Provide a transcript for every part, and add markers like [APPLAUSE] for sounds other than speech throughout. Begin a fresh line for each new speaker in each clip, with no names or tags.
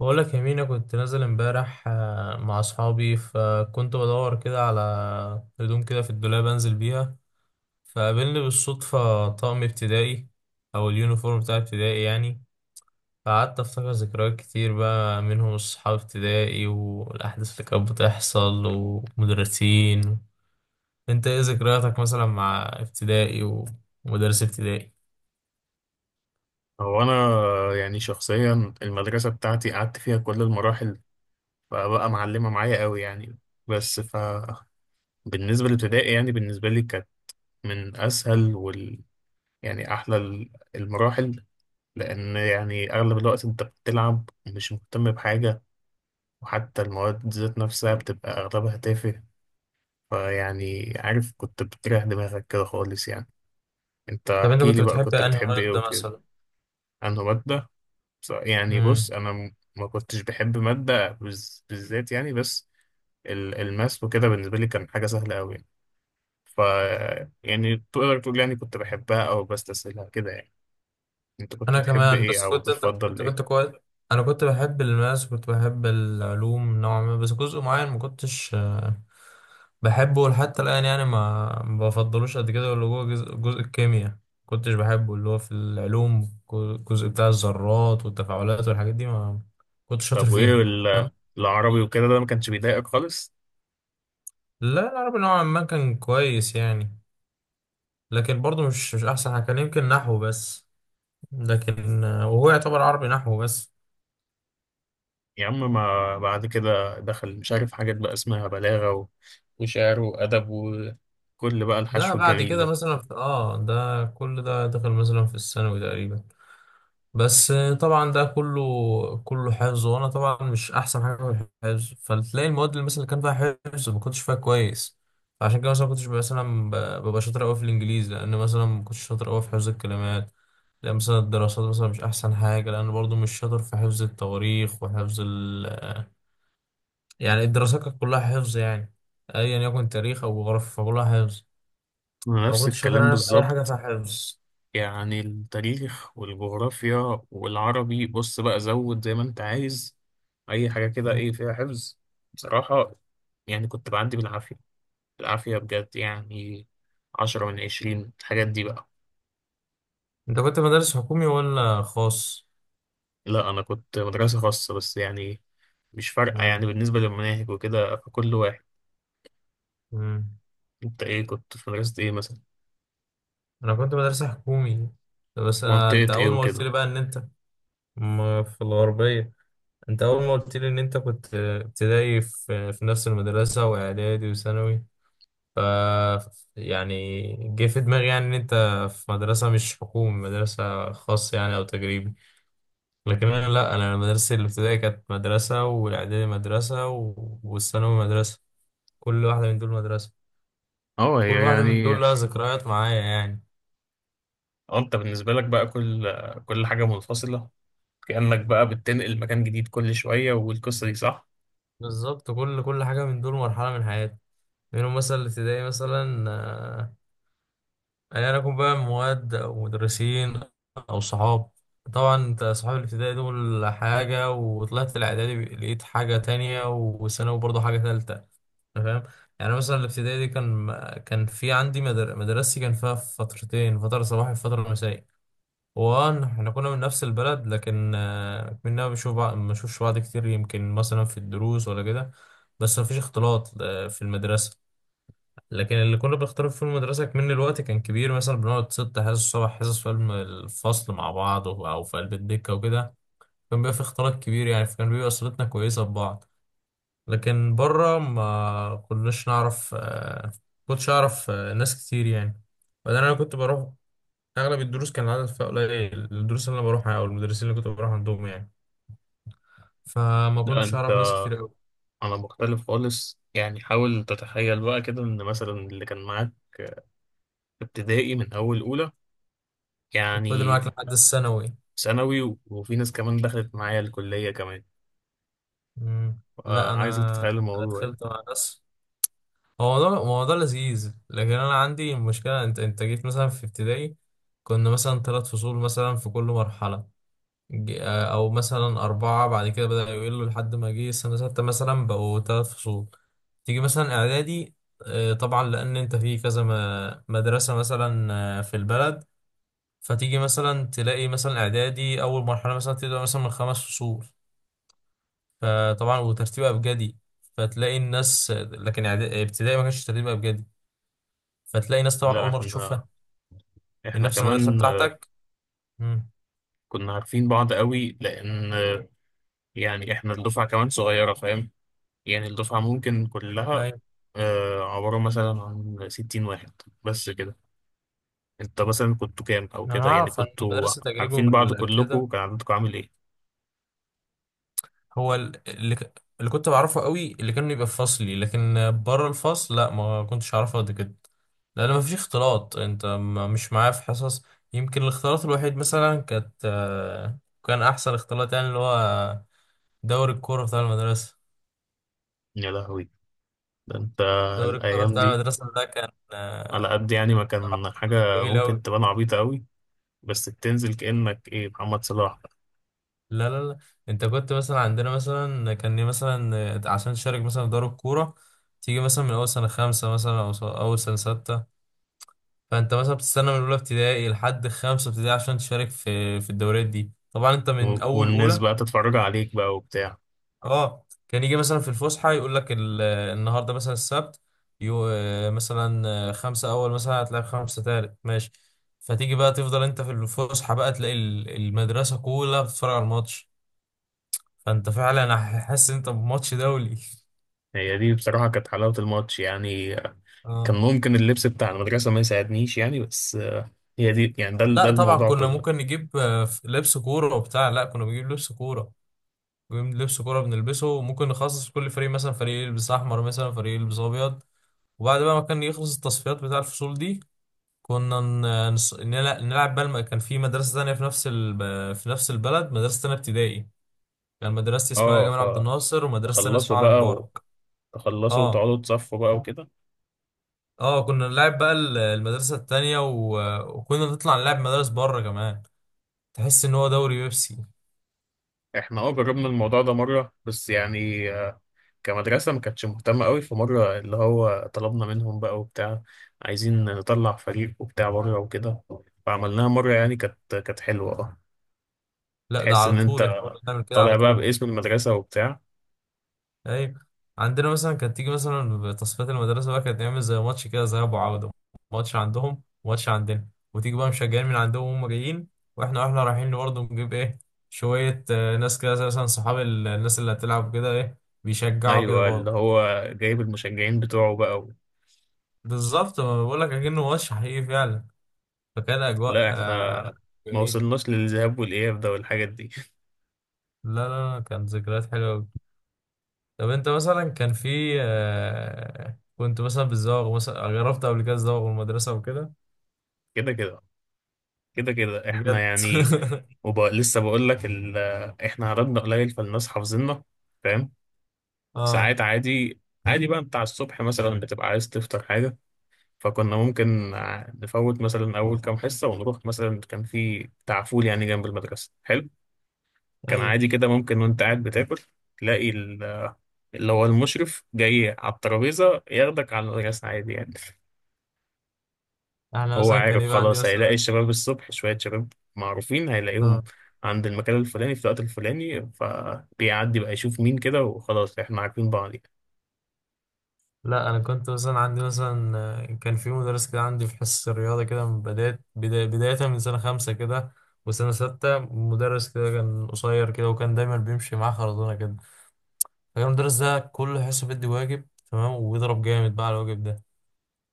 بقول لك يا مينا، كنت نازل امبارح مع اصحابي، فكنت بدور كده على هدوم كده في الدولاب انزل بيها. فقابلني بالصدفة طقم ابتدائي او اليونيفورم بتاع ابتدائي يعني. فقعدت افتكر ذكريات كتير بقى، منهم اصحاب ابتدائي والاحداث اللي كانت بتحصل ومدرسين. انت ايه ذكرياتك مثلا مع ابتدائي ومدرس ابتدائي؟
هو انا يعني شخصيا، المدرسه بتاعتي قعدت فيها كل المراحل، فبقى معلمه معايا قوي يعني. بس بالنسبه للابتدائي، يعني بالنسبه لي، كانت من اسهل يعني احلى المراحل، لان يعني اغلب الوقت انت بتلعب ومش مهتم بحاجه، وحتى المواد ذات نفسها بتبقى اغلبها تافه. فيعني عارف، كنت بتريح دماغك كده خالص يعني. انت
طب انت
احكي
كنت
لي بقى،
بتحب
كنت
انهي
بتحب ايه
مادة
وكده؟ انه ماده؟ يعني
مثلا؟
بص، انا ما كنتش بحب ماده بالذات يعني، بس الماس وكده بالنسبه لي كان حاجه سهله قوي يعني. ف يعني تقدر تقول يعني كنت بحبها او بستسهلها كده يعني. انت كنت
انا
بتحب
كمان،
ايه
بس
او
كنت انت
بتفضل
كنت
ايه؟
كنت كويس. انا كنت بحب الماس، كنت بحب العلوم نوعا ما، بس جزء معين ما كنتش بحبه لحتى الان يعني، ما بفضلوش قد كده، اللي هو جزء الكيمياء كنتش بحبه، اللي هو في العلوم الجزء بتاع الذرات والتفاعلات والحاجات دي ما كنتش
طب
شاطر
وايه
فيها. تمام.
العربي وكده، ده ما كانش بيضايقك خالص؟
لا العربي نوعا ما كان كويس يعني، لكن برضه مش احسن حاجه، كان يمكن نحو بس، لكن وهو يعتبر عربي نحو بس.
يا عم ما بعد كده دخل مش عارف حاجات بقى اسمها بلاغه وشعر وادب وكل بقى
ده
الحشو
بعد
الجميل
كده
ده.
مثلا في اه، ده كل ده دخل مثلا في الثانوي تقريبا، بس طبعا ده كله حفظ، وانا طبعا مش احسن حاجه في الحفظ. فتلاقي المواد اللي مثلا كان فيها حفظ ما كنتش فيها كويس. عشان كده مثلا ما كنتش مثلا ببقى شاطر قوي في الانجليزي، لان مثلا ما كنتش شاطر قوي في حفظ الكلمات. لان مثلا الدراسات مثلا مش احسن حاجه، لان برضو مش شاطر في حفظ التواريخ وحفظ ال، يعني الدراسات كانت كلها حفظ يعني، ايا يكن تاريخ او جغرافيا فكلها حفظ.
أنا
ما
نفس
كنتش شاطر
الكلام
انا في اي حاجه في
بالظبط.
الحفظ.
يعني التاريخ والجغرافيا والعربي، بص بقى زود زي ما انت عايز اي حاجة كده
مم.
ايه فيها حفظ. بصراحة يعني كنت بعدي بالعافية، بالعافية بجد يعني، عشرة من عشرين الحاجات دي بقى.
انت كنت مدارس حكومي ولا خاص؟
لا، انا كنت مدرسة خاصة بس يعني، مش فارقة
مم.
يعني بالنسبة للمناهج وكده، فكل واحد.
مم.
انت ايه، كنت في مدرسة ايه مثلا؟
انا كنت مدرسة حكومي، بس
منطقة
انت
ايه
اول ما قلت
وكده؟
لي بقى ان انت في الغربية، انت اول ما قلت لي ان انت كنت ابتدائي في نفس المدرسة واعدادي وثانوي، ف، يعني جه في دماغي يعني ان انت في مدرسة مش حكومي، مدرسة خاصة يعني او تجريبي. لكن انا لا، انا مدرستي الابتدائي كانت مدرسه، والاعدادي مدرسه والثانوي مدرسه، كل واحده من دول مدرسه،
اه، هي
وكل واحده من
يعني.
دول لها ذكريات معايا يعني.
اه، انت بالنسبة لك بقى كل حاجة منفصلة، كأنك بقى بتنقل مكان جديد كل شوية، والقصة دي صح؟
بالظبط، كل حاجه من دول مرحله من حياتي. منهم مثلا الابتدائي مثلا، ايا يعني يكن بقى مواد او مدرسين او صحاب. طبعا انت صحاب الابتدائي دول حاجه، وطلعت الاعدادي لقيت حاجه تانية، والثانوي برضه حاجه تالتة. أنا فاهم. يعني مثلا الابتدائي دي كان، كان في عندي مدرستي كان فيها فترتين، فترة صباحي وفترة مسائي. وان احنا كنا من نفس البلد، لكن كنا بنشوف بعض، ما بنشوفش بعض كتير، يمكن مثلا في الدروس ولا كده. بس ما فيش اختلاط في المدرسة. لكن اللي كنا بنختلط في المدرسة كمان الوقت كان كبير، مثلا بنقعد ست حصص سبع حصص في الفصل مع بعض أو في قلب الدكة وكده. كان بيبقى في اختلاط كبير يعني، فكان بيبقى صلتنا كويسة ببعض. لكن بره ما كناش نعرف كنتش اعرف ناس كتير يعني. بعدين انا كنت بروح اغلب الدروس كان العدد فيها قليل، الدروس اللي انا بروحها او المدرسين اللي كنت بروح عندهم يعني، فما
لا
كنتش اعرف ناس كتير قوي.
انا مختلف خالص يعني. حاول تتخيل بقى كده، ان مثلا اللي كان معاك في ابتدائي من اول اولى،
فضل معاك
يعني
لحد الثانوي.
ثانوي، وفي ناس كمان دخلت معايا الكلية كمان.
مم.
آه،
لا
عايزك
انا،
تتخيل
أنا
الموضوع يعني.
دخلت مع ناس. هو ده هو ده لذيذ، لكن انا عندي مشكله، انت جيت مثلا في ابتدائي كنا مثلا ثلاث فصول مثلا في كل مرحله، او مثلا اربعه، بعد كده بدأ يقلوا لحد ما جه سنه سته مثلا بقوا ثلاث فصول. تيجي مثلا اعدادي، طبعا لان انت في كذا مدرسه مثلا في البلد، فتيجي مثلا تلاقي مثلا اعدادي اول مرحله مثلا تبدا مثلا من خمس فصول، فطبعا وترتيب ابجدي، فتلاقي الناس. لكن ابتدائي ما كانش ترتيب ابجدي، فتلاقي ناس طبعا
لا
اول مره
احنا
تشوفها من
احنا
نفس المدرسه
كمان آه،
بتاعتك. امم،
كنا عارفين بعض قوي، لان آه، يعني احنا الدفعة كمان صغيرة، فاهم؟ يعني الدفعة ممكن كلها
ايوه.
آه، عبارة مثلا عن 60 واحد، بس كده. انت مثلا كنتوا كام او
انا
كده، يعني
اعرف عن
كنتوا
مدرسه تجريبي
عارفين بعض كلكم؟
وكده.
كان عددكم عامل ايه؟
هو اللي كنت بعرفه قوي اللي كانوا يبقى في فصلي، لكن بره الفصل لا ما كنتش اعرفه قد كده، لان ما فيش اختلاط، انت مش معاه في حصص. يمكن الاختلاط الوحيد مثلا كانت كان احسن اختلاط يعني اللي هو دوري الكوره بتاع المدرسه.
يا لهوي! ده انت
دوري الكوره
الايام
بتاع
دي،
المدرسه ده كان
على قد يعني ما كان
بصراحة
حاجه
جميل قوي.
ممكن تبان عبيطه قوي، بس بتنزل كانك ايه، محمد صلاح بقى.
لا لا لا، انت كنت مثلا عندنا مثلا كان مثلا عشان تشارك مثلا في دوري الكوره تيجي مثلا من اول سنه خمسه مثلا او اول سنه سته، فانت مثلا بتستنى من اولى ابتدائي لحد خمسه ابتدائي عشان تشارك في الدوريات دي، طبعا انت من اول
والناس
اولى.
بقى تتفرج عليك بقى وبتاع.
اه، كان يجي مثلا في الفسحه يقول لك النهارده مثلا السبت، يو آه، مثلا خمسه اول مثلا هتلاعب خمسه تالت، ماشي. فتيجي بقى تفضل انت في الفسحه بقى تلاقي المدرسه كلها بتتفرج على الماتش، فانت فعلا حاسس ان انت بماتش دولي [LAUGHS]
هي دي بصراحه كانت حلاوه الماتش يعني. كان
اه،
ممكن اللبس بتاع المدرسه ما يساعدنيش يعني، بس آه، هي دي يعني، ده
لا طبعا
الموضوع
كنا ممكن
كله.
نجيب لبس كوره وبتاع، لا كنا بنجيب لبس كوره، لبس كورة بنلبسه، وممكن نخصص كل فريق، مثلا فريق يلبس أحمر، مثلا فريق يلبس أبيض. وبعد بقى ما كان يخلص التصفيات بتاع الفصول دي، كنا نلعب بقى كان في مدرسة تانية في نفس ال... في نفس البلد مدرسة تانية ابتدائي، كان مدرستي اسمها
اه،
جمال عبد الناصر، ومدرسة تانية
فتخلصوا
اسمها علي
بقى،
مبارك.
وتخلصوا
اه،
وتقعدوا تصفوا بقى وكده.
اه كنا نلعب بقى المدرسة التانية و... وكنا نطلع نلعب مدارس بره كمان، تحس إن هو دوري بيبسي.
احنا اه جربنا الموضوع ده مرة، بس يعني آه، كمدرسة ما كانتش مهتمة قوي، في مرة اللي هو طلبنا منهم بقى وبتاع، عايزين نطلع فريق وبتاع بره وكده. فعملناها مرة يعني، كانت حلوة، اه.
لا، ده
تحس
على
ان انت
طول احنا كنا بنعمل كده على
طالع بقى
طول.
باسم المدرسة وبتاع.
ايوه، عندنا مثلا كانت تيجي مثلا تصفيات المدرسه بقى، كانت نعمل زي ماتش كده، ذهاب وعوده، ماتش عندهم وماتش عندنا. وتيجي بقى مشجعين من عندهم وهم جايين، واحنا رايحين برضه نجيب ايه، شويه ناس كده زي مثلا صحاب الناس اللي هتلعب كده ايه، بيشجعوا كده
ايوه، اللي
برضه.
هو جايب المشجعين بتوعه بقى.
بالظبط، ما بقول لك اكنه ماتش حقيقي فعلا، فكان اجواء
لا، احنا
آه
ما
جميل.
وصلناش للذهاب والإياب ده والحاجات دي.
لا لا لا، كانت ذكريات حلوه أوي. طب انت مثلا كان في آه كنت مثلا بتزوغ، مثلا جربت قبل كده تزوغ من المدرسه وكده؟
[LAUGHS] كده كده كده كده احنا
بجد
يعني.
[LAUGHS]
وبقى لسه بقول لك. احنا عددنا قليل، فالناس حافظيننا، فاهم؟
اه،
ساعات عادي، عادي بقى بتاع الصبح مثلا بتبقى عايز تفطر حاجة، فكنا ممكن نفوت مثلا أول كام حصة ونروح، مثلا كان في بتاع فول يعني جنب المدرسة حلو. كان
ايوه،
عادي كده، ممكن وأنت قاعد بتاكل تلاقي اللي هو المشرف جاي على الترابيزة ياخدك على المدرسة، عادي يعني.
احنا
هو
مثلا كان
عارف
يبقى عندي
خلاص، هيلاقي
مثلا،
الشباب الصبح، شوية شباب معروفين هيلاقيهم
اه
عند المكان الفلاني في الوقت الفلاني، فبيعدي بقى يشوف مين كده، وخلاص احنا عارفين بعض يعني.
لا انا كنت مثلا عندي مثلا كان في مدرس كده عندي في حصة الرياضة كده من بداية من سنة خمسة كده وسنة ستة، مدرس كده كان قصير كده، وكان دايما بيمشي معاه خرزونة كده. فكان المدرس ده كل حصة بيدي واجب، تمام، وبيضرب جامد بقى على الواجب ده.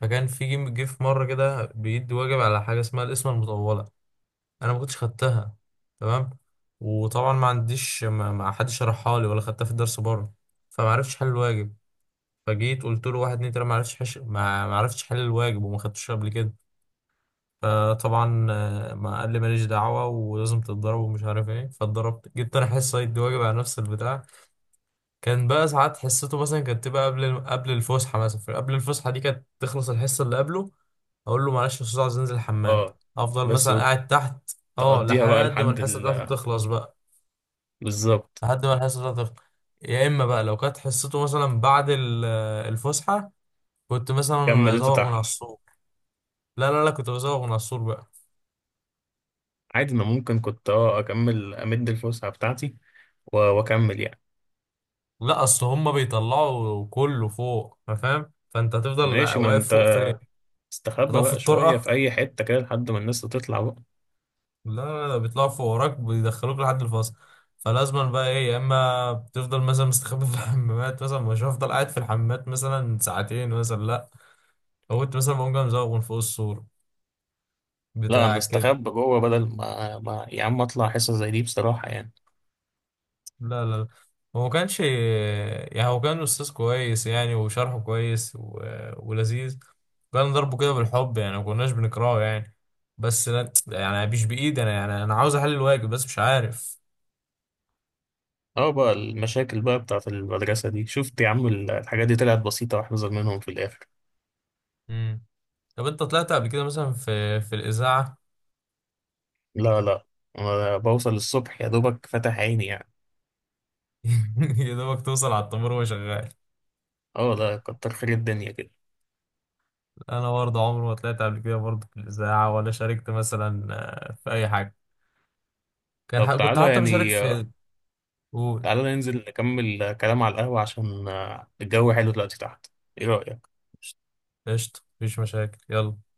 فكان في جه في مرة كده بيدي واجب على حاجة اسمها القسمة المطولة، انا ما كنتش خدتها، تمام. وطبعا ما عنديش، ما حدش شرحها لي ولا خدتها في الدرس بره، فما عرفتش حل الواجب. فجيت قلت له واحد اتنين تلاته ما عرفتش ما عرفتش حل الواجب وما خدتوش قبل كده. فطبعا ما قال لي ماليش دعوه ولازم تتضرب ومش عارف ايه، فاتضربت، جبت انا حصه يد واجب على نفس البتاع. كان بقى ساعات حصته مثلا كانت تبقى قبل الفسحه مثلا، قبل الفسحه دي كانت تخلص الحصه اللي قبله، اقول له معلش يا استاذ عايز انزل الحمام،
اه،
افضل
بس
مثلا قاعد تحت. اه،
تقضيها بقى
لحد ما
لحد
الحصه
ال...
بتاعته تخلص بقى،
بالظبط،
لحد ما الحصه بتاعته تخلص. يا اما بقى لو كانت حصته مثلا بعد الفسحه كنت مثلا
كملته
ازوغ من على
تحت،
السور. لا لا لا كنت بزوغ من على السور بقى.
عادي. ما ممكن كنت اه اكمل امد الفسحه بتاعتي، واكمل يعني.
لا اصل هما بيطلعوا كله فوق، أنت فاهم، فانت هتفضل
ماشي، ما
واقف
انت
فوق فين؟
استخبى
هتقف في
بقى شويه في
الطرقه؟
اي حته كده لحد ما الناس تطلع بقى.
لا لا لا بيطلعوا فوق وراك بيدخلوك لحد الفصل. فلازما بقى ايه، يا اما بتفضل مثلا مستخبي في الحمامات، مثلا مش هفضل قاعد في الحمامات مثلا ساعتين مثلا، لا. لو كنت مثلا بقوم جاي مزوغ من فوق السور
لا، انا
بتاع كده.
استخبى جوه، بدل ما يا عم اطلع حصه زي دي بصراحه يعني.
لا لا لا، هو ما كانش يعني، هو كان استاذ كويس يعني، وشرحه كويس و... ولذيذ، كان ضربه كده بالحب يعني، ما كناش بنكرهه يعني، بس لا يعني مش بايدي انا يعني، انا عاوز احل الواجب بس مش عارف.
اه، بقى المشاكل بقى بتاعت المدرسه دي، شفت يا عم الحاجات دي طلعت بسيطه واحذر منهم في الاخر.
مم. طب انت طلعت قبل كده مثلا في الاذاعه؟
لا، لا، أنا بوصل الصبح يا دوبك فاتح عيني يعني.
[LAUGHS] يا دوبك توصل على التمر وهو شغال.
اه لا، كتر خير الدنيا كده.
انا برضه عمري ما طلعت قبل كده برضه في الاذاعه، ولا شاركت مثلا في اي حاجه، كان
طب
كنت
تعالى
حتى بشارك
يعني،
في، قول.
تعالى ننزل نكمل كلام على القهوة، عشان آه، الجو حلو دلوقتي تحت. ايه رأيك؟
قشطه، مفيش مشاكل، يلا.